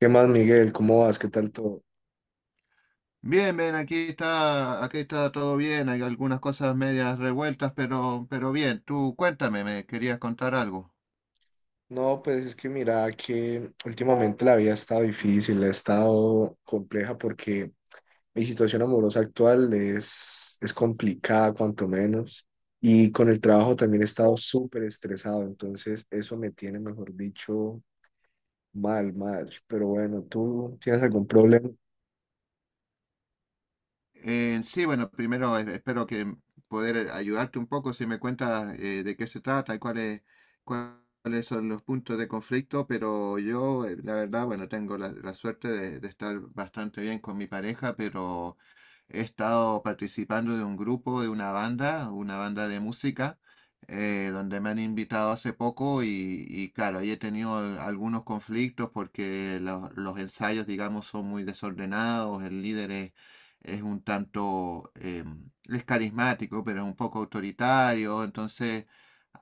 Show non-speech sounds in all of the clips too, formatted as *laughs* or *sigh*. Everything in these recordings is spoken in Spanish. ¿Qué más, Miguel? ¿Cómo vas? ¿Qué tal todo? Bien, bien, aquí está todo bien, hay algunas cosas medias revueltas, pero bien, tú cuéntame, me querías contar algo. No, pues es que mira que últimamente la vida ha estado difícil, ha estado compleja porque mi situación amorosa actual es complicada, cuanto menos. Y con el trabajo también he estado súper estresado, entonces eso me tiene, mejor dicho, mal. Pero bueno, ¿tú tienes algún problema? Sí, bueno, primero espero que poder ayudarte un poco si me cuentas de qué se trata y cuáles son los puntos de conflicto, pero yo, la verdad, bueno, tengo la suerte de estar bastante bien con mi pareja, pero he estado participando de un grupo, de una banda de música, donde me han invitado hace poco y claro, ahí he tenido algunos conflictos porque los ensayos, digamos, son muy desordenados, el líder es un tanto, es carismático, pero es un poco autoritario, entonces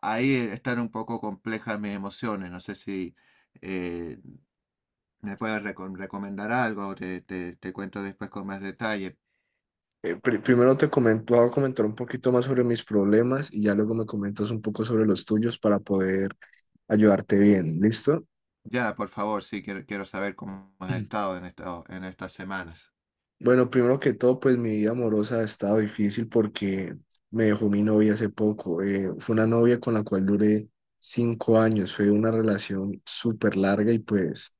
ahí están un poco complejas mis emociones, no sé si... eh, ¿Me puedes recomendar algo? Te, te cuento después con más detalle. Primero te comento, voy a comentar un poquito más sobre mis problemas y ya luego me comentas un poco sobre los tuyos para poder ayudarte bien, ¿listo? Ya, por favor, sí, quiero, quiero saber cómo has *clears throat* estado en en estas semanas. Bueno, primero que todo, pues mi vida amorosa ha estado difícil porque me dejó mi novia hace poco. Fue una novia con la cual duré 5 años. Fue una relación súper larga y pues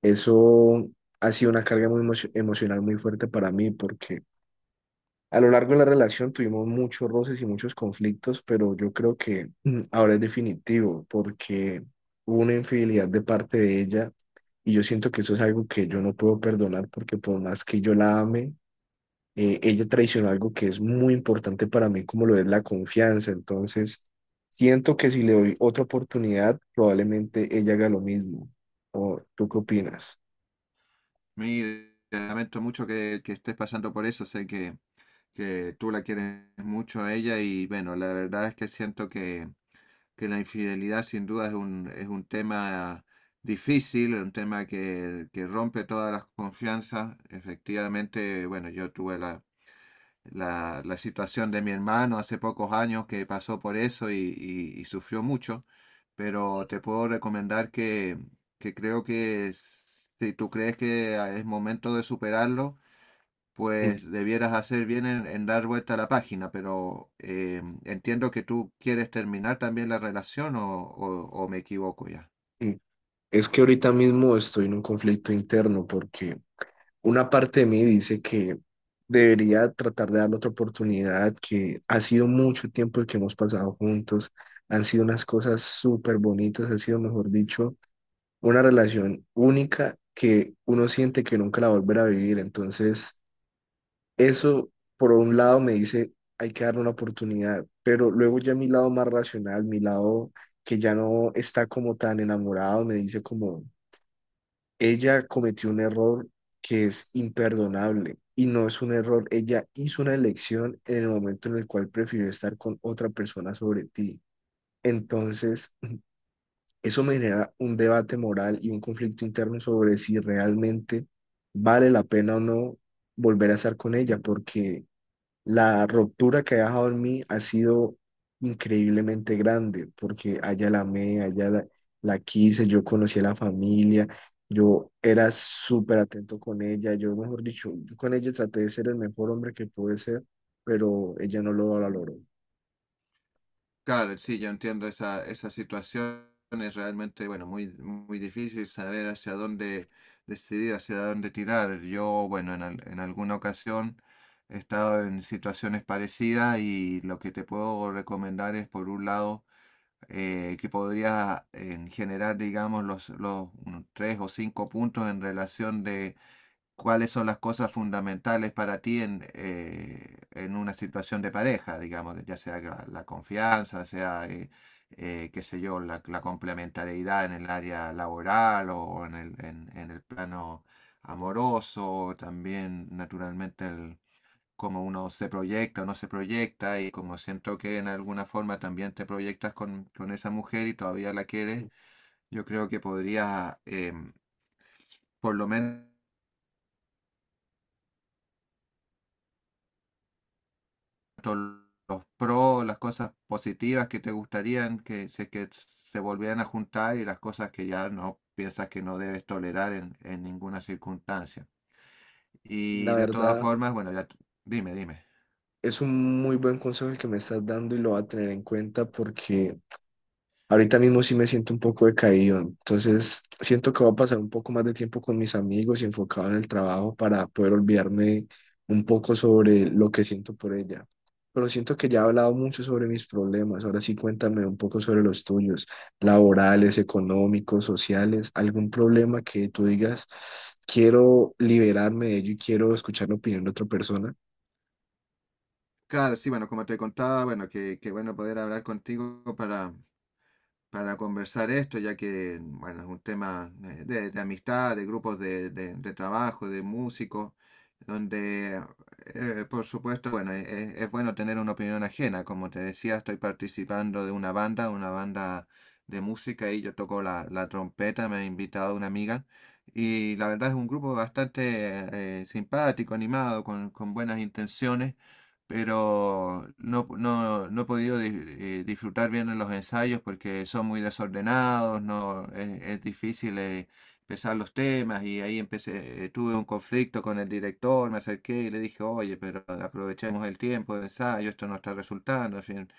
eso ha sido una carga muy emocional muy fuerte para mí porque a lo largo de la relación tuvimos muchos roces y muchos conflictos, pero yo creo que ahora es definitivo porque hubo una infidelidad de parte de ella y yo siento que eso es algo que yo no puedo perdonar porque por más que yo la ame, ella traicionó algo que es muy importante para mí, como lo es la confianza. Entonces, siento que si le doy otra oportunidad, probablemente ella haga lo mismo. ¿O tú qué opinas? Mire, lamento mucho que estés pasando por eso, sé que tú la quieres mucho a ella y bueno, la verdad es que siento que la infidelidad sin duda es un tema difícil, un tema que rompe todas las confianzas. Efectivamente, bueno, yo tuve la situación de mi hermano hace pocos años que pasó por eso y, y sufrió mucho, pero te puedo recomendar que creo que si tú crees que es momento de superarlo, Mm, pues debieras hacer bien en dar vuelta a la página, pero entiendo que tú quieres terminar también la relación o, o me equivoco ya. mm. Es que ahorita mismo estoy en un conflicto interno porque una parte de mí dice que debería tratar de darle otra oportunidad, que ha sido mucho tiempo el que hemos pasado juntos, han sido unas cosas súper bonitas, ha sido, mejor dicho, una relación única que uno siente que nunca la volverá a vivir. Entonces, eso por un lado me dice, hay que darle una oportunidad, pero luego ya mi lado más racional, mi lado que ya no está como tan enamorado, me dice como, ella cometió un error que es imperdonable. Y no es un error, ella hizo una elección en el momento en el cual prefirió estar con otra persona sobre ti. Entonces, eso me genera un debate moral y un conflicto interno sobre si realmente vale la pena o no volver a estar con ella, porque la ruptura que ha dejado en mí ha sido increíblemente grande, porque allá la amé, la quise, yo conocí a la familia, yo era súper atento con ella, yo, mejor dicho, yo con ella traté de ser el mejor hombre que pude ser, pero ella no lo valoró. Claro, sí, yo entiendo esa, esa situación. Es realmente, bueno, muy, muy difícil saber hacia dónde decidir, hacia dónde tirar. Yo, bueno, en, en alguna ocasión he estado en situaciones parecidas y lo que te puedo recomendar es, por un lado, que podrías generar, digamos, los unos tres o cinco puntos en relación de cuáles son las cosas fundamentales para ti en una situación de pareja, digamos, ya sea la confianza, sea, qué sé yo, la complementariedad en el área laboral o en el plano amoroso, también naturalmente el, cómo uno se proyecta o no se proyecta y como siento que en alguna forma también te proyectas con esa mujer y todavía la quieres, yo creo que podrías, por lo menos los pros, las cosas positivas que te gustarían que se volvieran a juntar y las cosas que ya no piensas que no debes tolerar en ninguna circunstancia. Y La de todas verdad, formas, bueno, ya dime, dime. es un muy buen consejo el que me estás dando y lo voy a tener en cuenta porque ahorita mismo sí me siento un poco decaído. Entonces, siento que voy a pasar un poco más de tiempo con mis amigos y enfocado en el trabajo para poder olvidarme un poco sobre lo que siento por ella. Pero siento que ya he hablado mucho sobre mis problemas. Ahora sí, cuéntame un poco sobre los tuyos, laborales, económicos, sociales, algún problema que tú digas, quiero liberarme de ello y quiero escuchar la opinión de otra persona. Claro, sí, bueno, como te contaba, bueno, que bueno poder hablar contigo para conversar esto, ya que, bueno, es un tema de amistad, de grupos de, de trabajo, de músicos, donde, por supuesto, bueno, es, bueno tener una opinión ajena. Como te decía, estoy participando de una banda de música, y yo toco la trompeta, me ha invitado una amiga, y la verdad es un grupo bastante simpático, animado, con buenas intenciones pero no, no, no he podido disfrutar bien en los ensayos porque son muy desordenados, no, es difícil empezar los temas y ahí empecé, tuve un conflicto con el director, me acerqué y le dije, oye, pero aprovechemos el tiempo de ensayo, esto no está resultando, en fin.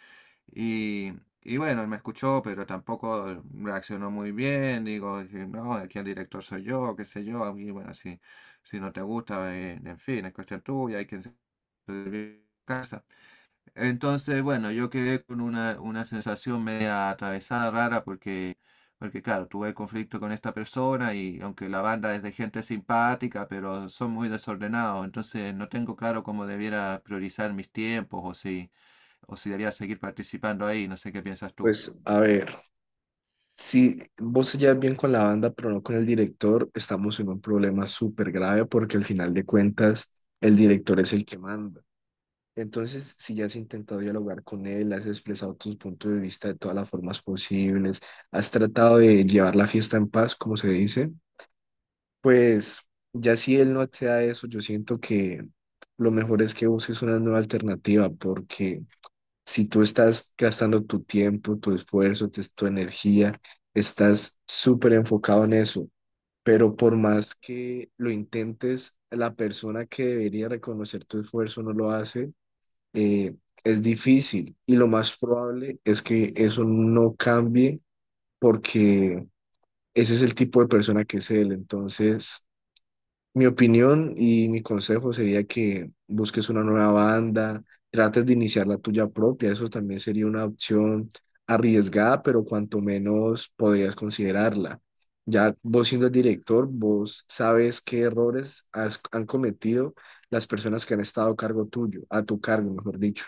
Y, y bueno, él me escuchó, pero tampoco reaccionó muy bien. Digo, dije, no, aquí el director soy yo, qué sé yo. Y bueno, si, si no te gusta, en fin, es cuestión tuya, hay que de casa. Entonces, bueno, yo quedé con una sensación media atravesada, rara, porque, porque claro, tuve conflicto con esta persona y aunque la banda es de gente simpática, pero son muy desordenados, entonces no tengo claro cómo debiera priorizar mis tiempos o si debiera seguir participando ahí, no sé qué piensas tú. Pues a ver. Si vos se llevas bien con la banda, pero no con el director, estamos en un problema súper grave porque al final de cuentas el director es el que manda. Entonces, si ya has intentado dialogar con él, has expresado tus puntos de vista de todas las formas posibles, has tratado de llevar la fiesta en paz, como se dice, pues ya si él no accede a eso, yo siento que lo mejor es que busques una nueva alternativa porque si tú estás gastando tu tiempo, tu esfuerzo, tu energía, estás súper enfocado en eso, pero por más que lo intentes, la persona que debería reconocer tu esfuerzo no lo hace, eh, es difícil y lo más probable es que eso no cambie porque ese es el tipo de persona que es él. Entonces, mi opinión y mi consejo sería que busques una nueva banda, trates de iniciar la tuya propia, eso también sería una opción arriesgada, pero cuanto menos podrías considerarla. Ya vos siendo el director, vos sabes qué errores han cometido las personas que han estado a cargo tuyo, a tu cargo, mejor dicho.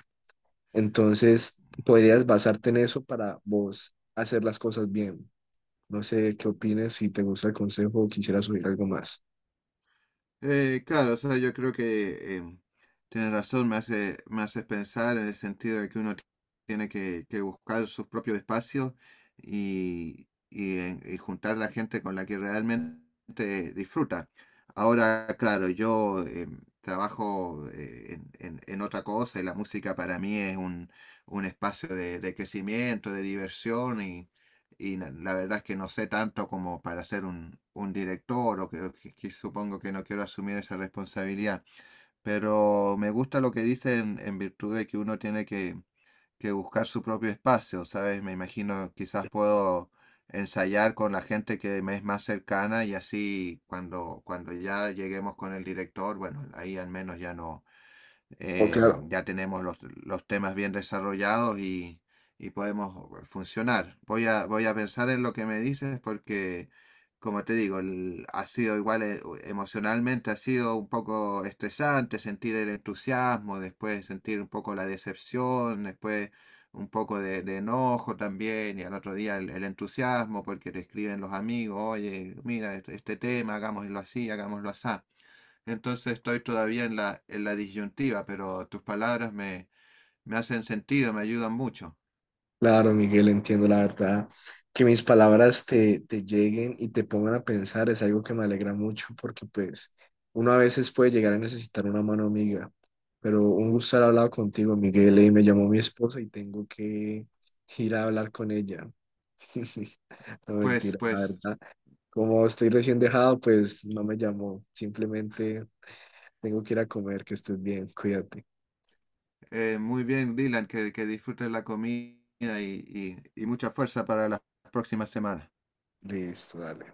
Entonces, podrías basarte en eso para vos hacer las cosas bien. No sé qué opinas, si te gusta el consejo o quisieras subir algo más. Claro, o sea, yo creo que tienes razón, me hace pensar en el sentido de que uno tiene que buscar sus propios espacios y, y juntar la gente con la que realmente disfruta. Ahora, claro, yo trabajo en, en otra cosa y la música para mí es un espacio de crecimiento, de diversión y la verdad es que no sé tanto como para ser un director o que, que supongo que no quiero asumir esa responsabilidad, pero me gusta lo que dicen en virtud de que uno tiene que buscar su propio espacio, ¿sabes? Me imagino quizás puedo ensayar con la gente que me es más cercana y así cuando, cuando ya lleguemos con el director, bueno, ahí al menos ya no Oh, eh, claro. ya tenemos los temas bien desarrollados y podemos funcionar. Voy a, voy a pensar en lo que me dices porque, como te digo, ha sido igual emocionalmente, ha sido un poco estresante sentir el entusiasmo, después sentir un poco la decepción, después un poco de enojo también y al otro día el entusiasmo porque te escriben los amigos, oye, mira, este tema, hagámoslo así, hagámoslo así. Entonces estoy todavía en la disyuntiva, pero tus palabras me, me hacen sentido, me ayudan mucho. Claro, Miguel, entiendo la verdad. Que mis palabras te, te lleguen y te pongan a pensar es algo que me alegra mucho porque pues uno a veces puede llegar a necesitar una mano amiga, pero un gusto haber hablado contigo, Miguel, y me llamó mi esposa y tengo que ir a hablar con ella. *laughs* No, Pues, mentira, la pues, verdad. Como estoy recién dejado, pues no me llamó. Simplemente tengo que ir a comer, que estés bien, cuídate. Muy bien, Dylan, que disfrutes la comida y mucha fuerza para las próximas semanas. Listo, dale.